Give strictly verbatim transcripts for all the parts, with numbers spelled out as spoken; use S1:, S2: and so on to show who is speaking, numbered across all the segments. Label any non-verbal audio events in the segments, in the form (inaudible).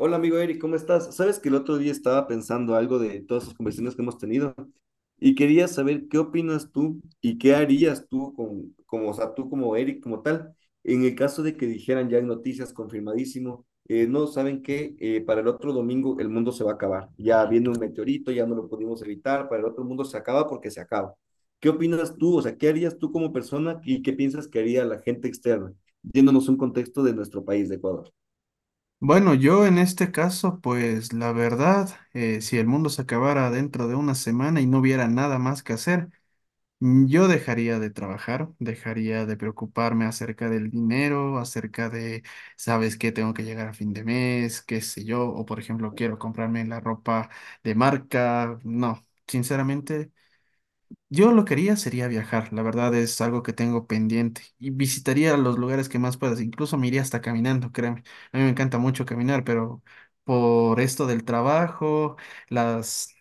S1: Hola amigo Eric, ¿cómo estás? Sabes que el otro día estaba pensando algo de todas las conversaciones que hemos tenido y quería saber qué opinas tú y qué harías tú con, como, o sea, tú como Eric como tal, en el caso de que dijeran ya en noticias confirmadísimo, eh, no, ¿saben qué? Eh, para el otro domingo el mundo se va a acabar. Ya viene un meteorito, ya no lo pudimos evitar, para el otro mundo se acaba porque se acaba. ¿Qué opinas tú? O sea, ¿qué harías tú como persona y qué piensas que haría la gente externa, yéndonos a un contexto de nuestro país, de Ecuador?
S2: Bueno, yo en este caso, pues la verdad, eh, si el mundo se acabara dentro de una semana y no hubiera nada más que hacer, mm, yo dejaría de trabajar, dejaría de preocuparme acerca del dinero, acerca de, ¿sabes qué? Tengo que llegar a fin de mes, qué sé yo, o por ejemplo, quiero comprarme la ropa de marca. No, sinceramente. Yo lo que haría sería viajar, la verdad es algo que tengo pendiente y visitaría los lugares que más puedas, incluso me iría hasta caminando, créeme. A mí me encanta mucho caminar, pero por esto del trabajo, las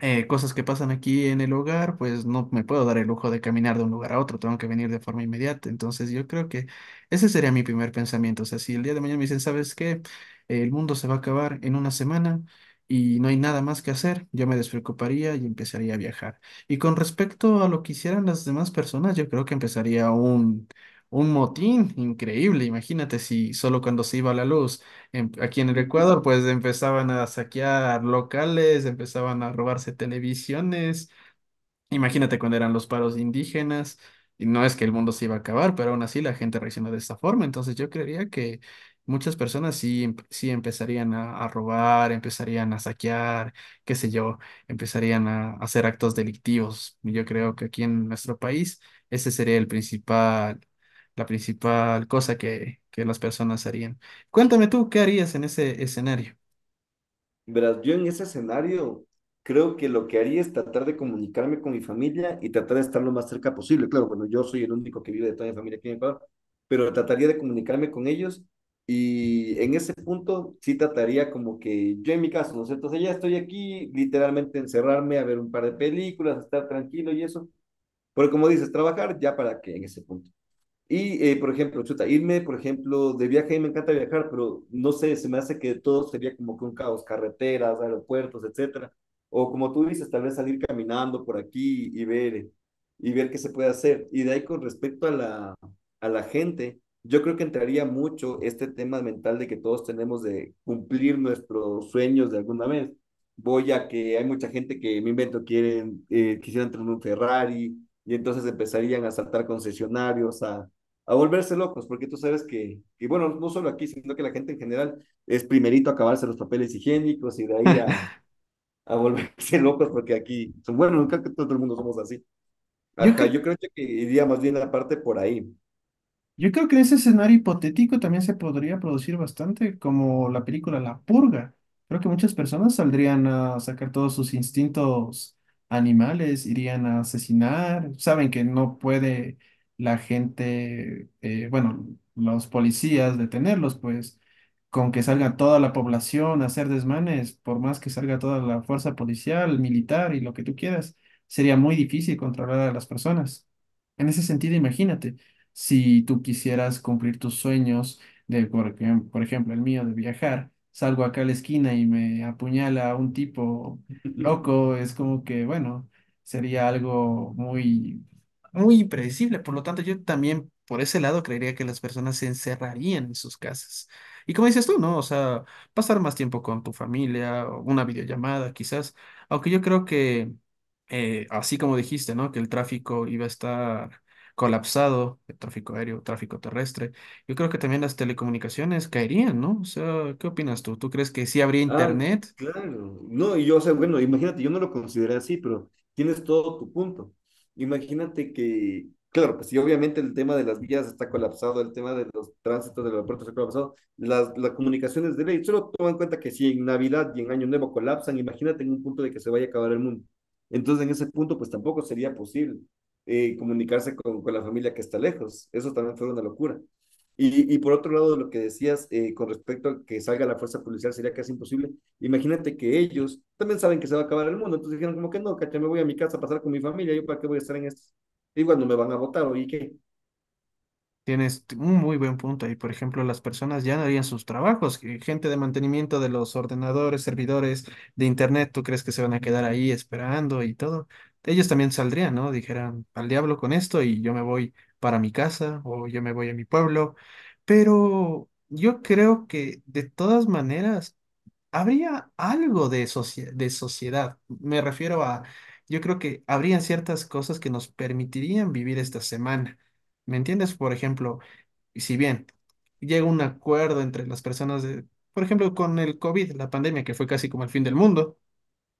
S2: eh, cosas que pasan aquí en el hogar, pues no me puedo dar el lujo de caminar de un lugar a otro, tengo que venir de forma inmediata. Entonces yo creo que ese sería mi primer pensamiento. O sea, si el día de mañana me dicen, ¿sabes qué? El mundo se va a acabar en una semana y no hay nada más que hacer, yo me despreocuparía y empezaría a viajar. Y con respecto a lo que hicieran las demás personas, yo creo que empezaría un... Un motín increíble, imagínate si solo cuando se iba la luz en- aquí en el Ecuador,
S1: (laughs)
S2: pues empezaban a saquear locales, empezaban a robarse televisiones. Imagínate cuando eran los paros indígenas, y no es que el mundo se iba a acabar, pero aún así la gente reaccionó de esta forma. Entonces yo creería que muchas personas sí, em- sí empezarían a, a robar, empezarían a saquear, qué sé yo, empezarían a, a hacer actos delictivos. Y Yo creo que aquí en nuestro país ese sería el principal, la principal cosa que, que las personas harían. Cuéntame tú, ¿qué harías en ese escenario?
S1: Verás, yo en ese escenario creo que lo que haría es tratar de comunicarme con mi familia y tratar de estar lo más cerca posible. Claro, bueno, yo soy el único que vive de toda mi familia aquí en Ecuador, pero trataría de comunicarme con ellos y en ese punto sí trataría como que yo en mi caso, ¿no sé? Entonces ya estoy aquí, literalmente encerrarme a ver un par de películas, estar tranquilo y eso. Porque como dices, trabajar ya para qué en ese punto. Y, eh, por ejemplo, chuta, irme, por ejemplo, de viaje, a mí me encanta viajar, pero no sé, se me hace que todo sería como que un caos, carreteras, aeropuertos, etcétera. O como tú dices, tal vez salir caminando por aquí y ver, eh, y ver qué se puede hacer. Y de ahí con respecto a la, a la gente, yo creo que entraría mucho este tema mental de que todos tenemos de cumplir nuestros sueños de alguna vez. Voy a que hay mucha gente que, me invento, quieren, eh, quisieran tener un Ferrari, y entonces empezarían a saltar concesionarios, a a volverse locos, porque tú sabes que, y bueno, no solo aquí, sino que la gente en general es primerito a acabarse los papeles higiénicos y de ahí a, a volverse (laughs) locos, porque aquí, bueno, nunca que todo el mundo somos así.
S2: Yo,
S1: Ajá,
S2: cre-
S1: yo creo que iría más bien la parte por ahí.
S2: Yo creo que en ese escenario hipotético también se podría producir bastante, como la película La Purga. Creo que muchas personas saldrían a sacar todos sus instintos animales, irían a asesinar. Saben que no puede la gente, eh, bueno, los policías detenerlos, pues con que salga toda la población a hacer desmanes, por más que salga toda la fuerza policial, militar y lo que tú quieras, sería muy difícil controlar a las personas. En ese sentido, imagínate. Si tú quisieras cumplir tus sueños de, por ejem- por ejemplo, el mío de viajar, salgo acá a la esquina y me apuñala un tipo
S1: (laughs)
S2: loco, es como que, bueno, sería algo muy, muy impredecible. Por lo tanto, yo también por ese lado creería que las personas se encerrarían en sus casas. Y como dices tú, ¿no? O sea, pasar más tiempo con tu familia, o una videollamada quizás, aunque yo creo que, eh, así como dijiste, ¿no? Que el tráfico iba a estar colapsado, el tráfico aéreo, tráfico terrestre. Yo creo que también las telecomunicaciones caerían, ¿no? O sea, ¿qué opinas tú? ¿Tú crees que sí habría
S1: Ah,
S2: internet?
S1: claro. No, y yo, o sea, bueno, imagínate, yo no lo consideré así, pero tienes todo tu punto. Imagínate que, claro, pues si obviamente el tema de las vías está colapsado, el tema de los tránsitos del aeropuerto está colapsado, las, las comunicaciones de ley, solo toma en cuenta que si en Navidad y en Año Nuevo colapsan, imagínate en un punto de que se vaya a acabar el mundo. Entonces, en ese punto, pues tampoco sería posible eh, comunicarse con, con la familia que está lejos. Eso también fue una locura. Y, y por otro lado, lo que decías, eh, con respecto a que salga la fuerza policial sería casi imposible. Imagínate que ellos también saben que se va a acabar el mundo, entonces dijeron como que no, cacha, me voy a mi casa a pasar con mi familia, ¿yo para qué voy a estar en esto? Y bueno, me van a votar, o ¿y qué?
S2: Tienes un muy buen punto ahí. Por ejemplo, las personas ya no harían sus trabajos. Que Gente de mantenimiento de los ordenadores, servidores de internet, ¿tú crees que se van a quedar ahí esperando y todo? Ellos también saldrían, ¿no? Dijeran, al diablo con esto y yo me voy para mi casa o yo me voy a mi pueblo. Pero yo creo que de todas maneras habría algo de, socie- de sociedad. Me refiero a, yo creo que habrían ciertas cosas que nos permitirían vivir esta semana. ¿Me entiendes? Por ejemplo, si bien llega un acuerdo entre las personas de, por ejemplo, con el COVID, la pandemia, que fue casi como el fin del mundo,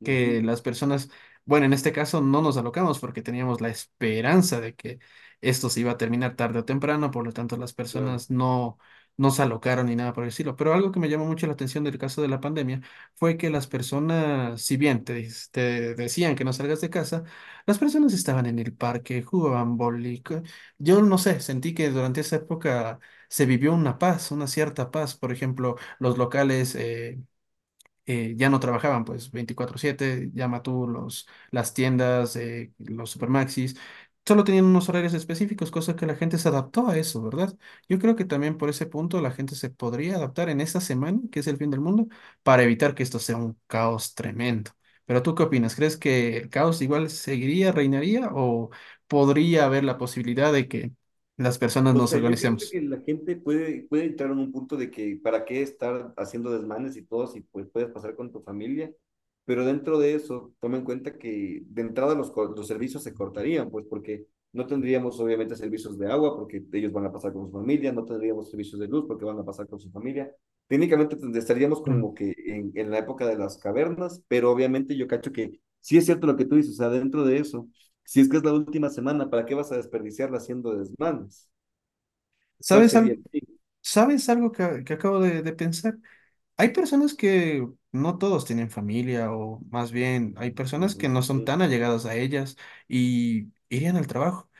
S1: Uh -huh,
S2: que las personas, bueno, en este caso no nos alocamos porque teníamos la esperanza de que esto se iba a terminar tarde o temprano, por lo tanto las
S1: claro.
S2: personas no, no se alocaron ni nada por el estilo. Pero algo que me llamó mucho la atención del caso de la pandemia fue que las personas, si bien te, dis- te decían que no salgas de casa, las personas estaban en el parque, jugaban boli. co- Yo no sé, sentí que durante esa época se vivió una paz, una cierta paz. Por ejemplo, los locales... eh, eh, ya no trabajaban pues veinticuatro siete, llama tú los, las tiendas, eh, los supermaxis, solo tenían unos horarios específicos, cosa que la gente se adaptó a eso, ¿verdad? Yo creo que también por ese punto la gente se podría adaptar en esta semana, que es el fin del mundo, para evitar que esto sea un caos tremendo. Pero ¿tú qué opinas? ¿Crees que el caos igual seguiría, reinaría o podría haber la posibilidad de que las personas
S1: O
S2: nos
S1: sea, yo creo
S2: organicemos?
S1: que la gente puede, puede entrar en un punto de que para qué estar haciendo desmanes y todo si pues puedes pasar con tu familia, pero dentro de eso, toma en cuenta que de entrada los, co- los servicios se cortarían, pues porque no tendríamos obviamente servicios de agua porque ellos van a pasar con su familia, no tendríamos servicios de luz porque van a pasar con su familia. Técnicamente tend- estaríamos
S2: Mm.
S1: como que en, en la época de las cavernas, pero obviamente yo cacho que sí es cierto lo que tú dices, o sea, dentro de eso, si es que es la última semana, ¿para qué vas a desperdiciarla haciendo desmanes? ¿Cuál
S2: ¿Sabes
S1: sería
S2: algo?
S1: el fin?
S2: ¿Sabes algo que, que acabo de, de pensar? Hay personas que no todos tienen familia, o más bien hay personas
S1: Mm,
S2: que
S1: eso
S2: no son
S1: sí.
S2: tan allegadas a ellas y irían al trabajo.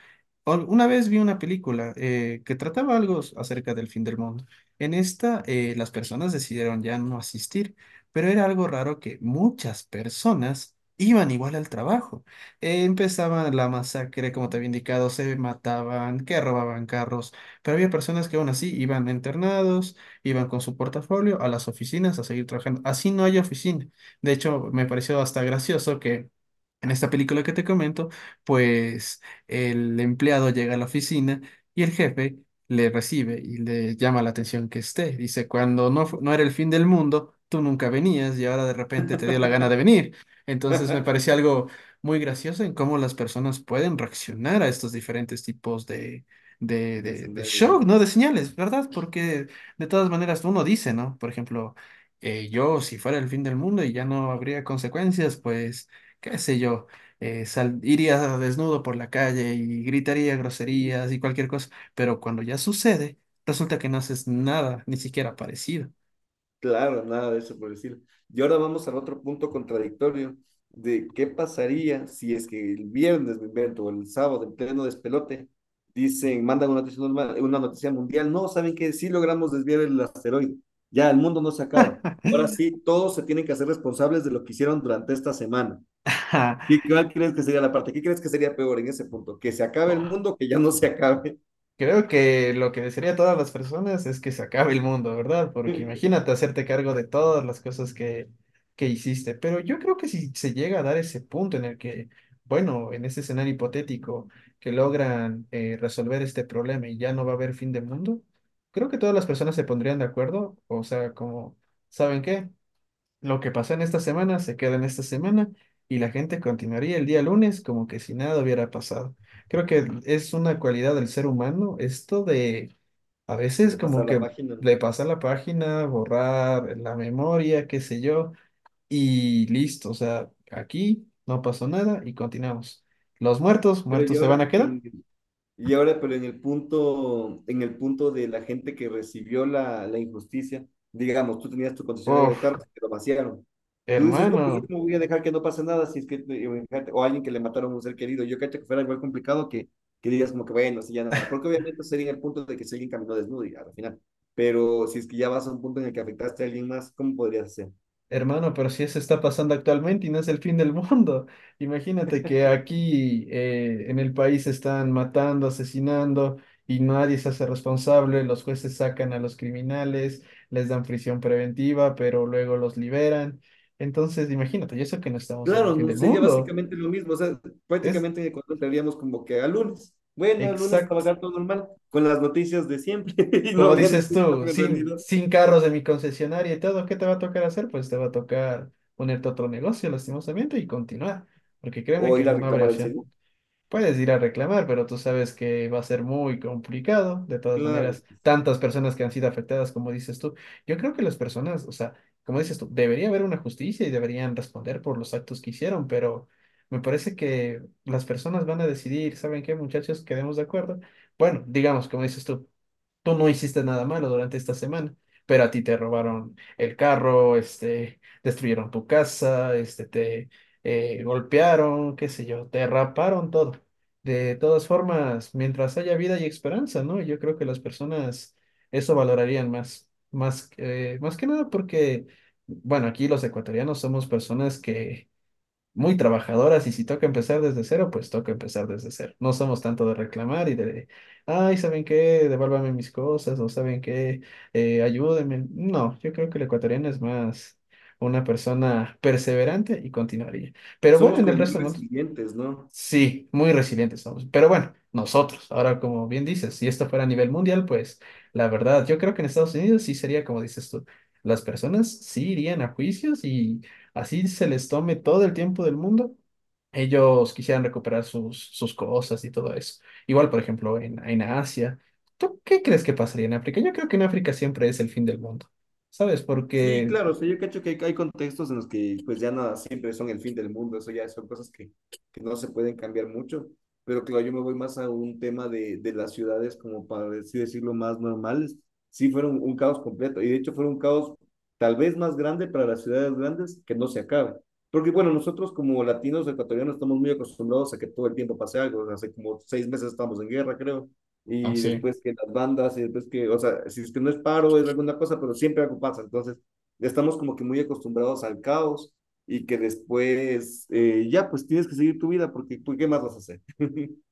S2: Al- Una vez vi una película eh, que trataba algo s- acerca del fin del mundo. En esta, eh, las personas decidieron ya no asistir, pero era algo raro que muchas personas iban igual al trabajo. Eh, empezaban la masacre, como te había indicado, se mataban, que robaban carros, pero había personas que aún así iban internados, iban con su portafolio a las oficinas a seguir trabajando. Así no hay oficina. De hecho, me pareció hasta gracioso que en esta película que te comento, pues el empleado llega a la oficina y el jefe le recibe y le llama la atención que esté. Dice, cuando no, fu- no era el fin del mundo, tú nunca venías y ahora de repente te dio la gana de venir. Entonces me pareció algo muy gracioso en cómo las personas pueden reaccionar a estos diferentes tipos de, de,
S1: De
S2: de, de
S1: escenarios, (laughs)
S2: shock,
S1: ¿no?
S2: ¿no? De señales, ¿verdad? Porque de todas maneras uno dice, ¿no? Por ejemplo, eh, yo si fuera el fin del mundo y ya no habría consecuencias, pues qué sé yo eh, sal- iría desnudo por la calle y gritaría groserías y cualquier cosa, pero cuando ya sucede, resulta que no haces nada, ni siquiera parecido.
S1: Claro, nada de eso por decirlo. Y ahora vamos al otro punto contradictorio de qué pasaría si es que el viernes, me invento, o el sábado, en pleno despelote, dicen, mandan una noticia, normal- una noticia mundial, no, ¿saben qué? Sí logramos desviar el asteroide, ya el mundo no se acaba. Ahora
S2: (laughs)
S1: sí, todos se tienen que hacer responsables de lo que hicieron durante esta semana. ¿Qué, ¿Cuál crees que sería la parte? ¿Qué crees que sería peor en ese punto? ¿Que se acabe el mundo o que ya no se acabe?
S2: Creo que lo que desearía a todas las personas es que se acabe el mundo, ¿verdad? Porque
S1: (laughs)
S2: imagínate hacerte cargo de todas las cosas que, que hiciste. Pero yo creo que si se llega a dar ese punto en el que, bueno, en ese escenario hipotético, que logran eh, resolver este problema y ya no va a haber fin de mundo, creo que todas las personas se pondrían de acuerdo. O sea, como, ¿saben qué? Lo que pasa en esta semana se queda en esta semana y la gente continuaría el día lunes como que si nada hubiera pasado. Creo que es una cualidad del ser humano esto de a veces
S1: De
S2: como
S1: pasar la
S2: que
S1: página, ¿no?
S2: le pasa la página, borrar la memoria, qué sé yo, y listo. O sea, aquí no pasó nada y continuamos. Los muertos,
S1: Pero y
S2: muertos se van
S1: ahora
S2: a quedar.
S1: en y ahora pero en el punto en el punto de la gente que recibió la, la injusticia, digamos, tú tenías tu concesionario de
S2: Uf,
S1: carros que lo vaciaron. Tú dices, no, pues yo
S2: hermano.
S1: cómo voy a dejar que no pase nada si es que o alguien que le mataron a un ser querido. Yo cacho que fuera igual complicado que que digas como que bueno, si ya nada, porque obviamente sería el punto de que si alguien caminó desnudo y al final. Pero si es que ya vas a un punto en el que afectaste a alguien más, ¿cómo podrías hacer?
S2: Hermano, pero si eso está pasando actualmente y no es el fin del mundo. (laughs) Imagínate que aquí eh, en el país están matando, asesinando y nadie se hace responsable. Los jueces sacan a los criminales, les dan prisión preventiva, pero luego los liberan. Entonces, imagínate, y eso que no estamos en el
S1: Claro,
S2: fin
S1: no
S2: del
S1: sería
S2: mundo.
S1: básicamente lo mismo, o sea,
S2: Es
S1: prácticamente en Ecuador estaríamos como que a lunes. Bueno, el lunes
S2: exacto.
S1: trabajar todo normal, con las noticias de siempre, (laughs) y no
S2: Como
S1: habría
S2: dices
S1: ningún
S2: tú,
S1: cambio en
S2: sin,
S1: realidad.
S2: sin carros de mi concesionaria y todo, ¿qué te va a tocar hacer? Pues te va a tocar ponerte a otro negocio, lastimosamente, y continuar, porque créeme
S1: O
S2: que
S1: ir a
S2: no habrá
S1: reclamar el
S2: opción.
S1: seguro.
S2: Puedes ir a reclamar, pero tú sabes que va a ser muy complicado. De todas
S1: Claro,
S2: maneras, tantas personas que han sido afectadas, como dices tú. Yo creo que las personas, o sea, como dices tú, debería haber una justicia y deberían responder por los actos que hicieron, pero me parece que las personas van a decidir, ¿saben qué, muchachos? Quedemos de acuerdo. Bueno, digamos, como dices tú, tú no hiciste nada malo durante esta semana, pero a ti te robaron el carro, este, destruyeron tu casa, este, te eh, golpearon, qué sé yo, te raparon todo. De todas formas, mientras haya vida y esperanza, ¿no? Yo creo que las personas eso valorarían más, más, eh, más que nada porque, bueno, aquí los ecuatorianos somos personas que muy trabajadoras y si toca empezar desde cero, pues toca empezar desde cero. No somos tanto de reclamar y de, ay, ¿saben qué? Devuélvame mis cosas o ¿saben qué? Eh, ayúdenme. No, yo creo que el ecuatoriano es más una persona perseverante y continuaría. Pero bueno,
S1: somos
S2: en el
S1: como muy
S2: resto del mundo
S1: resilientes, ¿no?
S2: Sí, muy resilientes somos. Pero bueno, nosotros, ahora como bien dices, si esto fuera a nivel mundial, pues la verdad, yo creo que en Estados Unidos sí sería como dices tú. Las personas sí irían a juicios y así se les tome todo el tiempo del mundo. Ellos quisieran recuperar sus, sus cosas y todo eso. Igual, por ejemplo, en, en Asia. ¿Tú qué crees que pasaría en África? Yo creo que en África siempre es el fin del mundo. ¿Sabes?
S1: Sí,
S2: Porque,
S1: claro, o sea, yo cacho que hay, hay contextos en los que pues ya nada, siempre son el fin del mundo, eso ya son cosas que, que no se pueden cambiar mucho, pero claro, yo me voy más a un tema de, de las ciudades como para así decirlo más normales, sí fueron un caos completo y de hecho fueron un caos tal vez más grande para las ciudades grandes que no se acaba, porque bueno, nosotros como latinos ecuatorianos estamos muy acostumbrados a que todo el tiempo pase algo, o sea, hace como seis meses estamos en guerra, creo.
S2: no
S1: Y
S2: sé,
S1: después que las bandas, y después que, o sea, si es que no es paro, es alguna cosa, pero siempre algo pasa. Entonces, ya estamos como que muy acostumbrados al caos y que después, eh, ya pues tienes que seguir tu vida porque pues, ¿qué más vas a hacer? (laughs)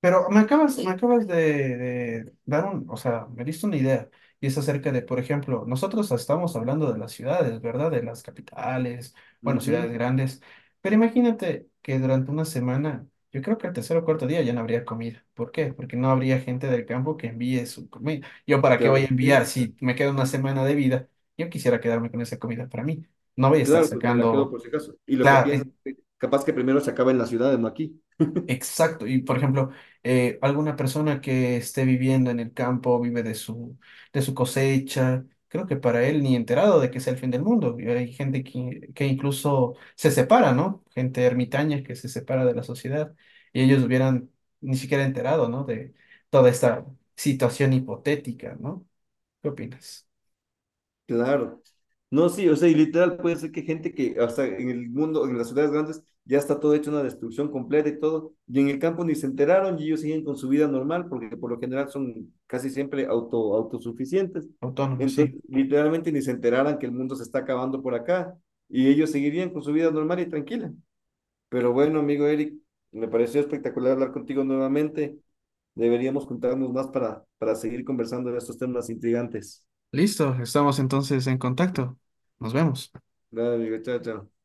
S2: pero me acabas, me Sí. acabas de, de dar un, o sea, me diste una idea. Y es acerca de, por ejemplo, nosotros estamos hablando de las ciudades, ¿verdad? De las capitales, bueno, ciudades
S1: Ujú.
S2: grandes. Pero imagínate que durante una semana, yo creo que el tercer o cuarto día ya no habría comida. ¿Por qué? Porque no habría gente del campo que envíe su comida. ¿Yo para
S1: Que
S2: qué voy a enviar
S1: abastezca.
S2: si me queda una semana de vida? Yo quisiera quedarme con esa comida para mí. No voy a estar
S1: Claro, pues me la quedo
S2: sacando,
S1: por si acaso. Y lo que
S2: claro,
S1: piensas, capaz que primero se acaba en las ciudades, no aquí.
S2: exacto. Y por ejemplo, eh, alguna persona que esté viviendo en el campo, vive de su, de su cosecha, creo que para él ni enterado de que es el fin del mundo. Y hay gente que, que incluso se separa, ¿no? Gente ermitaña que se separa de la sociedad y ellos hubieran ni siquiera enterado, ¿no? De toda esta situación hipotética, ¿no? ¿Qué opinas?
S1: Claro. No, sí, o sea, y literal puede ser que gente que, o sea, en el mundo, en las ciudades grandes, ya está todo hecho una destrucción completa y todo, y en el campo ni se enteraron y ellos siguen con su vida normal, porque por lo general son casi siempre auto, autosuficientes.
S2: Autónomo,
S1: Entonces,
S2: sí.
S1: literalmente ni se enteraran que el mundo se está acabando por acá, y ellos seguirían con su vida normal y tranquila. Pero bueno, amigo Eric, me pareció espectacular hablar contigo nuevamente. Deberíamos juntarnos más para, para seguir conversando de estos temas intrigantes.
S2: Listo, estamos entonces en contacto. Nos vemos.
S1: Dale, amigo, chao, chao.